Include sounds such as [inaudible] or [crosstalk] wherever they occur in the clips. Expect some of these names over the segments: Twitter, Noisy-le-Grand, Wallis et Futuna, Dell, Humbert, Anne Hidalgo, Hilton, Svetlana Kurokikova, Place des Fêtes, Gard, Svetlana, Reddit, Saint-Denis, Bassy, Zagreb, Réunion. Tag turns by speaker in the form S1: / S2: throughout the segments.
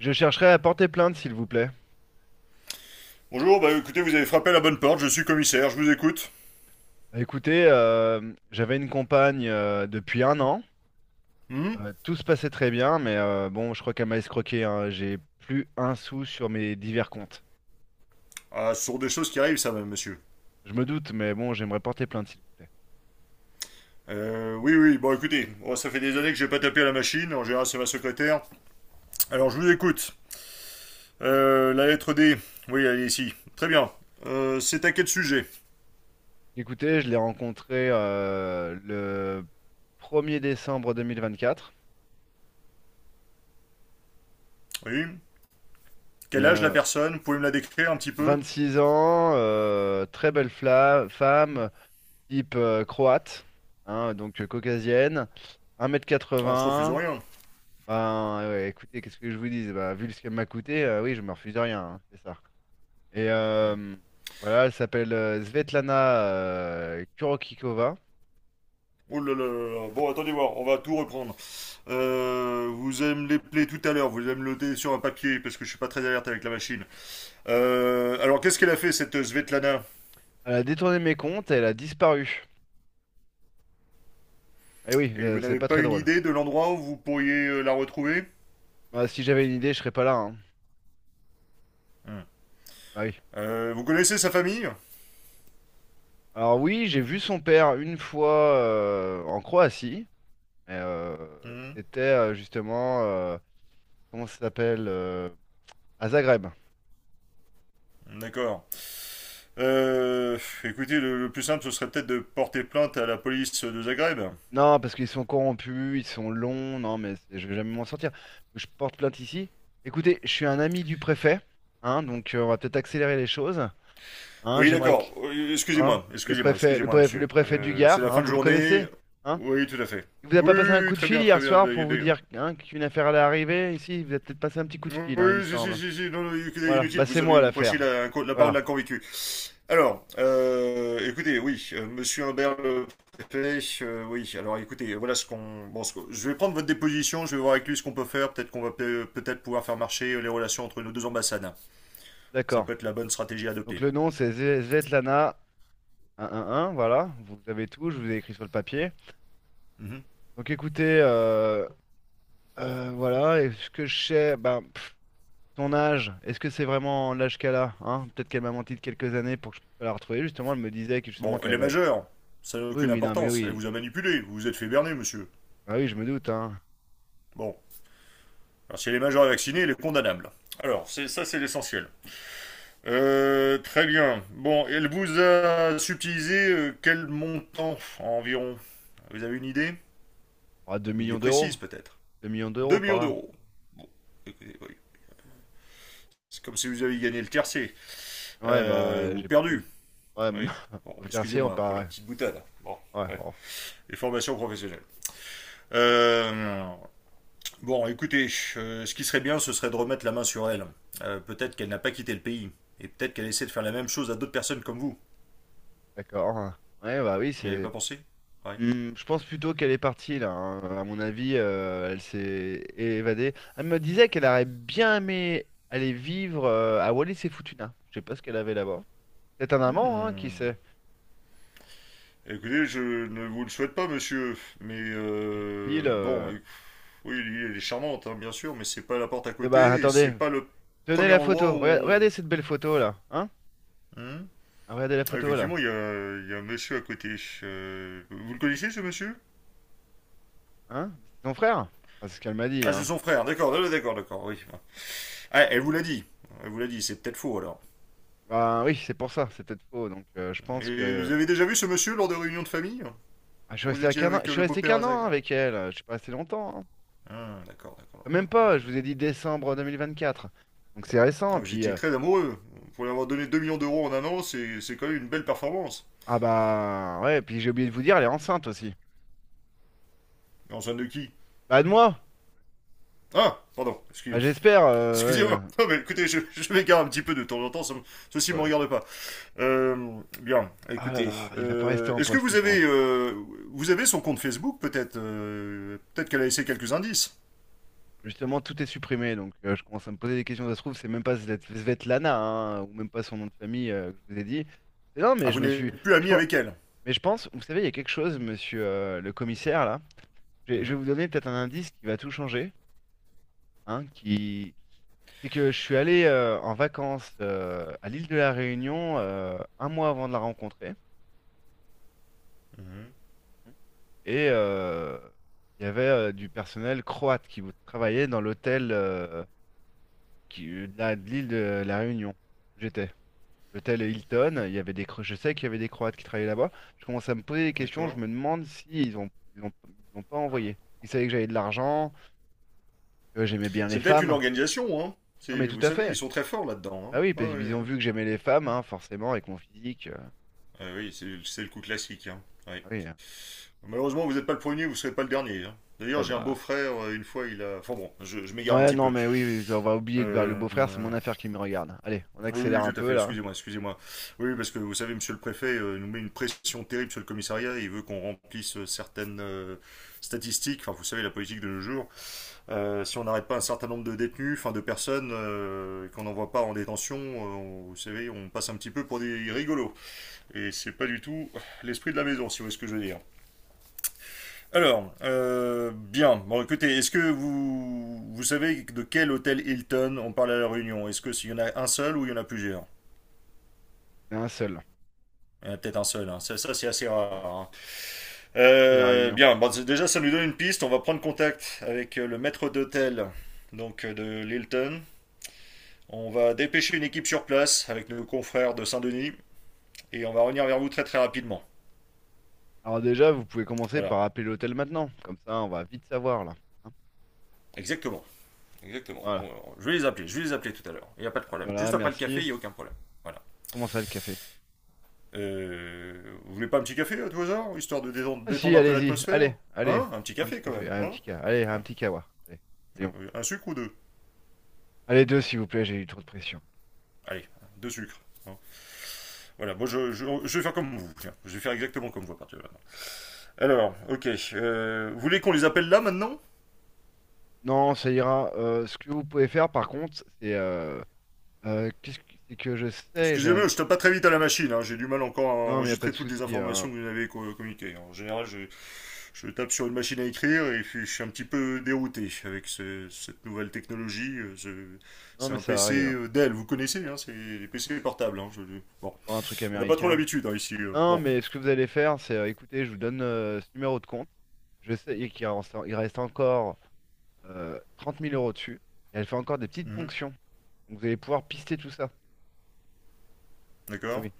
S1: Je chercherais à porter plainte, s'il vous plaît.
S2: Bonjour, bah écoutez, vous avez frappé à la bonne porte, je suis commissaire, je vous écoute.
S1: Écoutez, j'avais une compagne depuis un an. Tout se passait très bien, mais bon, je crois qu'elle m'a escroqué, hein. J'ai plus un sou sur mes divers comptes.
S2: Ah, ce sont des choses qui arrivent, ça, même, monsieur.
S1: Je me doute, mais bon, j'aimerais porter plainte, s'il vous plaît.
S2: Oui, oui, bon, écoutez, oh, ça fait des années que j'ai pas tapé à la machine, en général, c'est ma secrétaire. Alors, je vous écoute. La lettre D, oui, elle est ici. Très bien. C'est à quel sujet?
S1: Écoutez, je l'ai rencontrée le 1er décembre 2024.
S2: Oui.
S1: Et,
S2: Quel âge la personne? Vous pouvez me la décrire un petit peu?
S1: six ans, très belle femme, type croate, hein, donc caucasienne, un mètre quatre
S2: Ah, on se refuse
S1: 80.
S2: rien.
S1: Ben, ouais, écoutez, qu'est-ce que je vous dis? Bah, vu ce qu'elle m'a coûté, oui, je me refuse de rien, hein, c'est ça. Et voilà, elle s'appelle Svetlana Kurokikova.
S2: Oh là là, bon, attendez voir, on va tout reprendre. Vous allez me les plaies tout à l'heure, vous allez me le noter sur un papier, parce que je suis pas très alerte avec la machine. Alors, qu'est-ce qu'elle a fait, cette Svetlana?
S1: Elle a détourné mes comptes et elle a disparu. Eh oui,
S2: Et vous
S1: c'est
S2: n'avez
S1: pas
S2: pas
S1: très
S2: une
S1: drôle.
S2: idée de l'endroit où vous pourriez la retrouver?
S1: Bah, si j'avais une idée, je serais pas là, hein.
S2: Hmm.
S1: Bah oui.
S2: Vous connaissez sa famille?
S1: Alors oui, j'ai vu son père une fois en Croatie. Mais,
S2: Hmm.
S1: c'était justement, comment ça s'appelle? À Zagreb.
S2: D'accord. Euh, Écoutez, le plus simple, ce serait peut-être de porter plainte à la police de Zagreb.
S1: Non, parce qu'ils sont corrompus, ils sont longs, non, mais je vais jamais m'en sortir. Je porte plainte ici. Écoutez, je suis un ami du préfet, hein, donc on va peut-être accélérer les choses. Hein,
S2: Oui,
S1: j'aimerais que.
S2: d'accord.
S1: Hein,
S2: Excusez-moi, excusez-moi, excusez-moi, monsieur.
S1: le préfet du
S2: C'est
S1: Gard,
S2: la
S1: hein,
S2: fin de
S1: vous le
S2: journée.
S1: connaissez? Hein?
S2: Oui, tout à fait.
S1: Il vous a
S2: Oui,
S1: pas passé un
S2: oui, oui,
S1: coup de
S2: très
S1: fil
S2: bien, très
S1: hier
S2: bien.
S1: soir pour vous dire hein, qu'une affaire allait arriver ici? Il Vous avez peut-être passé un petit coup de fil, hein, il me
S2: Oui, si, si,
S1: semble.
S2: si, si, non, non,
S1: Voilà,
S2: inutile,
S1: bah
S2: vous
S1: c'est
S2: avez,
S1: moi
S2: vous prêchez
S1: l'affaire.
S2: la parole
S1: Voilà,
S2: d'un convaincu. Alors, écoutez, oui, Monsieur Humbert le préfet, oui, alors écoutez, voilà ce qu'on... Bon, je vais prendre votre déposition, je vais voir avec lui ce qu'on peut faire, peut-être qu'on va peut-être pouvoir faire marcher les relations entre nos deux ambassades. Ça
S1: d'accord.
S2: peut être la bonne stratégie à
S1: Donc
S2: adopter.
S1: le nom c'est Svetlana un, un un, voilà, vous avez tout, je vous ai écrit sur le papier.
S2: Mhm.
S1: Donc écoutez, voilà, est-ce que je sais, ben, pff, son âge, est-ce que c'est vraiment l'âge qu'elle a, hein? Peut-être qu'elle m'a menti de quelques années pour que je puisse pas la retrouver. Justement, elle me disait que justement
S2: Bon,
S1: qu'elle
S2: elle est
S1: avait.
S2: majeure, ça n'a
S1: Oui,
S2: aucune
S1: oui, non, mais
S2: importance, elle
S1: oui.
S2: vous a manipulé, vous vous êtes fait berner, monsieur.
S1: Ah oui, je me doute, hein.
S2: Bon, alors si elle est majeure et vaccinée, elle est condamnable. Alors, c'est ça, c'est l'essentiel. Très bien. Bon, elle vous a subtilisé quel montant environ? Vous avez une idée?
S1: Ah, deux
S2: Il est
S1: millions d'euros.
S2: précise peut-être.
S1: deux millions
S2: 2
S1: d'euros par
S2: millions
S1: là.
S2: d'euros. Bon, écoutez, oui. C'est comme si vous aviez gagné le tiercé.
S1: Ouais, bah,
S2: Ou
S1: j'ai plutôt
S2: perdu.
S1: le. Ouais, [laughs]
S2: Oui. Bon,
S1: vous tertiez, on
S2: excusez-moi pour la
S1: paraît.
S2: petite boutade. Bon,
S1: Ouais,
S2: ouais.
S1: oh,
S2: Les formations professionnelles. Euh, bon, écoutez, ce qui serait bien, ce serait de remettre la main sur elle.
S1: ouais,
S2: Peut-être qu'elle n'a pas quitté le pays. Et peut-être qu'elle essaie de faire la même chose à d'autres personnes comme vous.
S1: d'accord, hein. Ouais, bah oui,
S2: N'y avez pas
S1: c'est.
S2: pensé? Ouais.
S1: Mmh, je pense plutôt qu'elle est partie là, hein. À mon avis, elle s'est évadée. Elle me disait qu'elle aurait bien aimé aller vivre à Wallis et Futuna. Je sais pas ce qu'elle avait là-bas. Peut-être un amant, hein, qui
S2: Hmm.
S1: sait.
S2: Écoutez, je ne vous le souhaite pas, monsieur. Mais
S1: Il,
S2: bon,
S1: euh,
S2: oui, l'île, elle est charmante, hein, bien sûr, mais c'est pas la porte à
S1: eh bah
S2: côté et c'est
S1: attendez,
S2: pas le
S1: tenez
S2: premier
S1: la
S2: endroit
S1: photo.
S2: où on.
S1: Regardez cette belle photo là, hein?
S2: Hein?
S1: Ah, regardez la
S2: Ah,
S1: photo là,
S2: effectivement, il y a un monsieur à côté. Vous le connaissez, ce monsieur?
S1: hein? C'est ton frère? Enfin, c'est ce qu'elle m'a dit,
S2: Ah, c'est
S1: hein.
S2: son frère, d'accord, d'accord, d'accord, oui. Ah, elle vous l'a dit. Elle vous l'a dit, c'est peut-être faux alors.
S1: Bah oui, c'est pour ça. C'est peut-être faux. Donc je pense
S2: Et
S1: que.
S2: vous avez déjà vu ce monsieur lors de réunions de famille?
S1: Ah, je suis
S2: Vous
S1: resté à
S2: étiez
S1: qu'un an.
S2: avec
S1: Je suis
S2: le
S1: resté
S2: beau-père
S1: qu'un
S2: à
S1: an
S2: Zaga?
S1: avec elle. Je suis pas resté longtemps, hein.
S2: Ah, d'accord, d'accord,
S1: Même
S2: d'accord.
S1: pas, je vous ai dit décembre 2024. Donc c'est récent.
S2: Ah, vous
S1: Puis,
S2: étiez très amoureux. Pour lui avoir donné 2 millions d'euros en un an, c'est quand même une belle performance.
S1: ah bah, ouais, puis j'ai oublié de vous dire, elle est enceinte aussi.
S2: En somme de qui?
S1: Bah, de moi!
S2: Ah, pardon,
S1: Bah,
S2: excusez-moi.
S1: j'espère.
S2: Excusez-moi. [laughs] Non, mais écoutez, je m'égare un petit peu de temps en temps. Ceci ne
S1: Ouais,
S2: me
S1: ouais.
S2: regarde pas. Bien,
S1: Ah là
S2: écoutez.
S1: là, il va pas rester en
S2: Est-ce que
S1: poste,
S2: vous
S1: putain,
S2: avez,
S1: lui.
S2: euh, vous avez son compte Facebook, peut-être qu'elle a laissé quelques indices.
S1: Justement, tout est supprimé, donc je commence à me poser des questions. Ça se trouve, c'est même pas Svetlana, hein, ou même pas son nom de famille que je vous ai dit. Mais non,
S2: Ah,
S1: mais
S2: vous
S1: je me suis.
S2: n'êtes plus
S1: Je
S2: ami
S1: pense,
S2: avec elle.
S1: mais je pense, vous savez, il y a quelque chose, monsieur le commissaire, là. Je vais, je
S2: Mhm,
S1: vais vous donner peut-être un indice qui va tout changer, hein, c'est que je suis allé en vacances à l'île de la Réunion un mois avant de la rencontrer.
S2: mhm.
S1: Et il y avait du personnel croate qui travaillait dans l'hôtel de l'île de la Réunion où j'étais. L'hôtel Hilton, il y avait des, je sais qu'il y avait des Croates qui travaillaient là-bas. Je commence à me poser des questions, je
S2: D'accord.
S1: me demande s'ils ont, ils l'ont pas envoyé. Ils savaient que j'avais de l'argent, que j'aimais bien les
S2: C'est peut-être une
S1: femmes.
S2: organisation, hein.
S1: Non mais tout
S2: Vous
S1: à
S2: savez, ils
S1: fait.
S2: sont très forts
S1: Bah
S2: là-dedans.
S1: oui,
S2: Hein.
S1: parce
S2: Ouais, ouais,
S1: qu'ils ont
S2: ouais.
S1: vu que j'aimais les femmes, hein, forcément, avec mon physique.
S2: Ah oui, c'est le coup classique. Hein. Ouais.
S1: Ah oui.
S2: Malheureusement, vous n'êtes pas le premier, vous ne serez pas le dernier, hein. D'ailleurs,
S1: Ah
S2: j'ai un
S1: bah.
S2: beau-frère, une fois, il a... Enfin bon, je m'égare un
S1: Ouais,
S2: petit
S1: non,
S2: peu.
S1: mais oui, oui, on va oublier de voir le beau-frère, c'est mon
S2: Euh,
S1: affaire qui me regarde. Allez, on
S2: Oui,
S1: accélère
S2: oui,
S1: un
S2: tout à
S1: peu
S2: fait.
S1: là.
S2: Excusez-moi, excusez-moi. Oui, oui, parce que vous savez, monsieur le préfet nous met une pression terrible sur le commissariat. Il veut qu'on remplisse certaines statistiques. Enfin, vous savez, la politique de nos jours. Si on n'arrête pas un certain nombre de détenus, enfin de personnes, et qu'on n'envoie pas en détention, vous savez, on passe un petit peu pour des rigolos. Et c'est pas du tout l'esprit de la maison, si vous voyez ce que je veux dire. Alors, bien. Bon, écoutez, est-ce que vous savez de quel hôtel Hilton on parle à la Réunion? Est-ce que s'il y en a un seul ou il y en a plusieurs?
S1: C'est un seul,
S2: Peut-être en seul, hein. Ça, c'est assez rare, hein.
S1: surtout la réunion.
S2: Bien, bon, déjà ça nous donne une piste, on va prendre contact avec le maître d'hôtel donc de l'Hilton. On va dépêcher une équipe sur place avec nos confrères de Saint-Denis et on va revenir vers vous très très rapidement.
S1: Alors déjà, vous pouvez commencer
S2: Voilà,
S1: par appeler l'hôtel maintenant. Comme ça, on va vite savoir là, hein.
S2: exactement. Exactement.
S1: Voilà,
S2: Je vais les appeler tout à l'heure. Il n'y a pas de problème.
S1: voilà,
S2: Juste après le café,
S1: merci.
S2: il n'y a aucun problème. Voilà.
S1: Comment ça le café?
S2: Vous voulez pas un petit café à tout hasard, histoire de
S1: Ah si,
S2: détendre un peu
S1: allez-y,
S2: l'atmosphère?
S1: allez, allez,
S2: Hein? Un petit
S1: un petit
S2: café quand
S1: café,
S2: même,
S1: allez,
S2: hein?
S1: allez, un
S2: Voilà.
S1: petit kawa. Allez, soyons fous.
S2: Un sucre ou deux?
S1: Allez, deux s'il vous plaît, j'ai eu trop de pression.
S2: Allez, deux sucres, hein. Voilà, bon, je vais faire comme vous. Tiens, je vais faire exactement comme vous à partir de maintenant. Alors, ok. Vous voulez qu'on les appelle là maintenant?
S1: Non, ça ira. Ce que vous pouvez faire par contre, c'est qu'est-ce que c'est que je sais, j'ai un.
S2: Excusez-moi, je tape pas très vite à la machine, hein. J'ai du mal encore à
S1: Non, mais y a pas
S2: enregistrer
S1: de
S2: toutes les
S1: souci,
S2: informations
S1: hein.
S2: que vous m'avez communiquées. En général, je tape sur une machine à écrire et puis je suis un petit peu dérouté avec cette nouvelle technologie.
S1: Non,
S2: C'est
S1: mais
S2: un
S1: ça
S2: PC
S1: arrive, hein.
S2: Dell,
S1: Ça
S2: vous
S1: m'étonne.
S2: connaissez, hein, c'est les PC portables, hein, bon,
S1: Encore un truc
S2: on n'a pas trop
S1: américain.
S2: l'habitude hein, ici.
S1: Non,
S2: Bon,
S1: mais ce que vous allez faire, c'est, écoutez, je vous donne ce numéro de compte. Je sais qu'il reste encore 30 000 euros dessus. Et elle fait encore des petites
S2: mhm,
S1: ponctions. Donc vous allez pouvoir pister tout ça. Et
S2: d'accord.
S1: oui.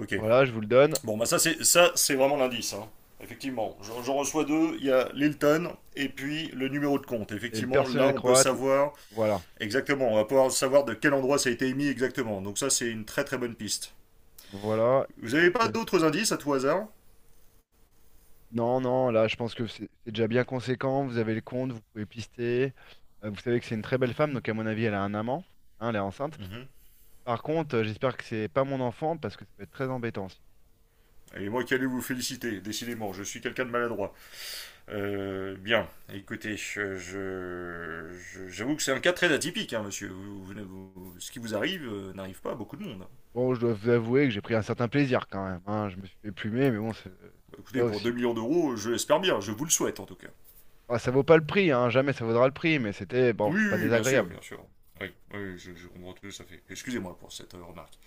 S2: Ok.
S1: Voilà, je vous le donne.
S2: Bon, bah ça, c'est vraiment l'indice, hein. Effectivement, j'en reçois deux. Il y a l'Hilton et puis le numéro de compte.
S1: Et le
S2: Effectivement, là,
S1: personnel
S2: on peut
S1: croate,
S2: savoir
S1: voilà.
S2: exactement. On va pouvoir savoir de quel endroit ça a été émis exactement. Donc ça, c'est une très très bonne piste.
S1: Voilà.
S2: Vous
S1: Qu'est-ce
S2: n'avez pas
S1: que-
S2: d'autres indices à tout hasard?
S1: Non, non, là, je pense que c'est déjà bien conséquent. Vous avez le compte, vous pouvez pister. Vous savez que c'est une très belle femme, donc à mon avis, elle a un amant. Hein, elle est enceinte.
S2: Mhm.
S1: Par contre, j'espère que c'est pas mon enfant, parce que ça peut être très embêtant.
S2: Et moi qui allais vous féliciter, décidément, je suis quelqu'un de maladroit. Bien, écoutez, j'avoue je- j'avoue que c'est un cas très atypique, hein, monsieur. Ce qui vous arrive n'arrive pas à beaucoup de monde.
S1: Bon, je dois vous avouer que j'ai pris un certain plaisir quand même, hein. Je me suis fait plumer, mais bon, c'est
S2: Écoutez,
S1: pas
S2: pour deux
S1: aussi.
S2: millions d'euros, je l'espère bien, je vous le souhaite en tout cas.
S1: Ah, ça vaut pas le prix, hein. Jamais ça vaudra le prix, mais c'était, bon,
S2: Oui,
S1: c'est pas
S2: oui, oui, bien sûr,
S1: désagréable.
S2: bien sûr. Oui, oui, oui, je comprends tout ça fait. Excusez-moi pour cette remarque.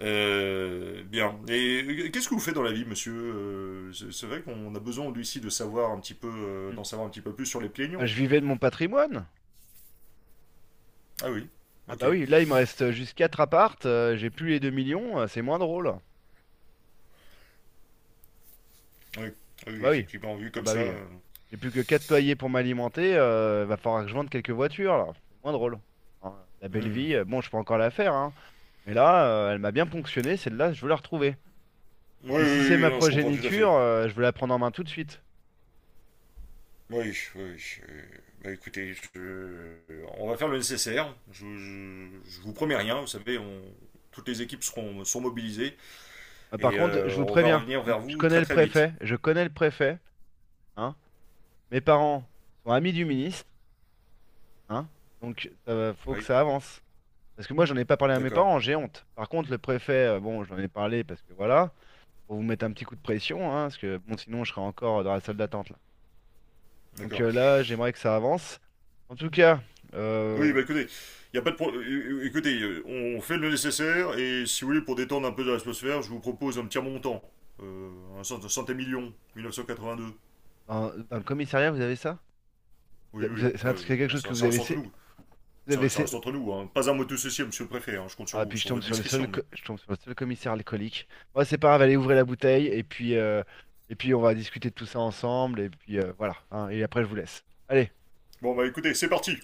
S2: Bien. Et qu'est-ce que vous faites dans la vie, monsieur? C'est vrai qu'on a besoin, lui aussi, de savoir un petit peu,
S1: Hmm.
S2: d'en savoir un petit peu plus sur les
S1: Bah,
S2: plaignons.
S1: je vivais de mon patrimoine.
S2: Ah oui,
S1: Ah
S2: ok.
S1: bah oui, là, il me reste juste 4 appartes, j'ai plus les 2 millions, c'est moins drôle.
S2: Oui, ah
S1: Ah
S2: oui,
S1: bah oui.
S2: effectivement, vu
S1: Ah
S2: comme
S1: bah
S2: ça.
S1: oui. J'ai plus que 4 loyers pour m'alimenter, va falloir que je vende quelques voitures, là. C'est moins drôle. Hein, la belle
S2: Hmm.
S1: vie, bon, je peux encore la faire, hein. Mais là, elle m'a bien ponctionné, celle-là, je veux la retrouver. Et
S2: Oui, oui,
S1: puis si c'est
S2: oui,
S1: ma
S2: non, je comprends tout à fait.
S1: progéniture, je veux la prendre en main tout de suite.
S2: Oui, oui, oui, euh, bah écoutez, on va faire le nécessaire. Je vous promets rien, vous savez, toutes les équipes seront, sont mobilisées.
S1: Par
S2: Et
S1: contre, je vous
S2: on va
S1: préviens,
S2: revenir vers
S1: je
S2: vous
S1: connais
S2: très
S1: le
S2: très vite.
S1: préfet, je connais le préfet, hein. Mes parents sont amis du ministre, hein. Donc faut que
S2: Oui,
S1: ça avance. Parce que moi, j'en ai pas parlé à mes
S2: d'accord.
S1: parents, j'ai honte. Par contre, le préfet, bon, j'en ai parlé parce que voilà, pour vous mettre un petit coup de pression, hein, parce que bon, sinon, je serais encore dans la salle d'attente là. Donc
S2: D'accord.
S1: là, j'aimerais que ça avance. En tout cas,
S2: Oui,
S1: euh,
S2: bah écoutez, y a pas de écoutez, on fait le nécessaire et si vous voulez pour détendre un peu de l'atmosphère, je vous propose un petit montant, un cent et million, 1982.
S1: dans le commissariat, vous avez ça?
S2: Oui, oui,
S1: C'est
S2: enfin,
S1: un- c'est quelque
S2: bon,
S1: chose que
S2: ça,
S1: vous
S2: ça reste
S1: avez,
S2: entre nous,
S1: vous avez
S2: ça
S1: sé-
S2: reste entre nous, hein. Pas un mot de ceci, monsieur le préfet, hein. Je compte sur
S1: Ah,
S2: vous,
S1: puis je
S2: sur
S1: tombe
S2: votre
S1: sur le seul,
S2: discrétion, mais
S1: commissaire alcoolique. Moi, c'est pas grave, allez ouvrir la bouteille et puis on va discuter de tout ça ensemble. Et puis voilà, hein, et après, je vous laisse. Allez.
S2: bon bah écoutez, c'est parti.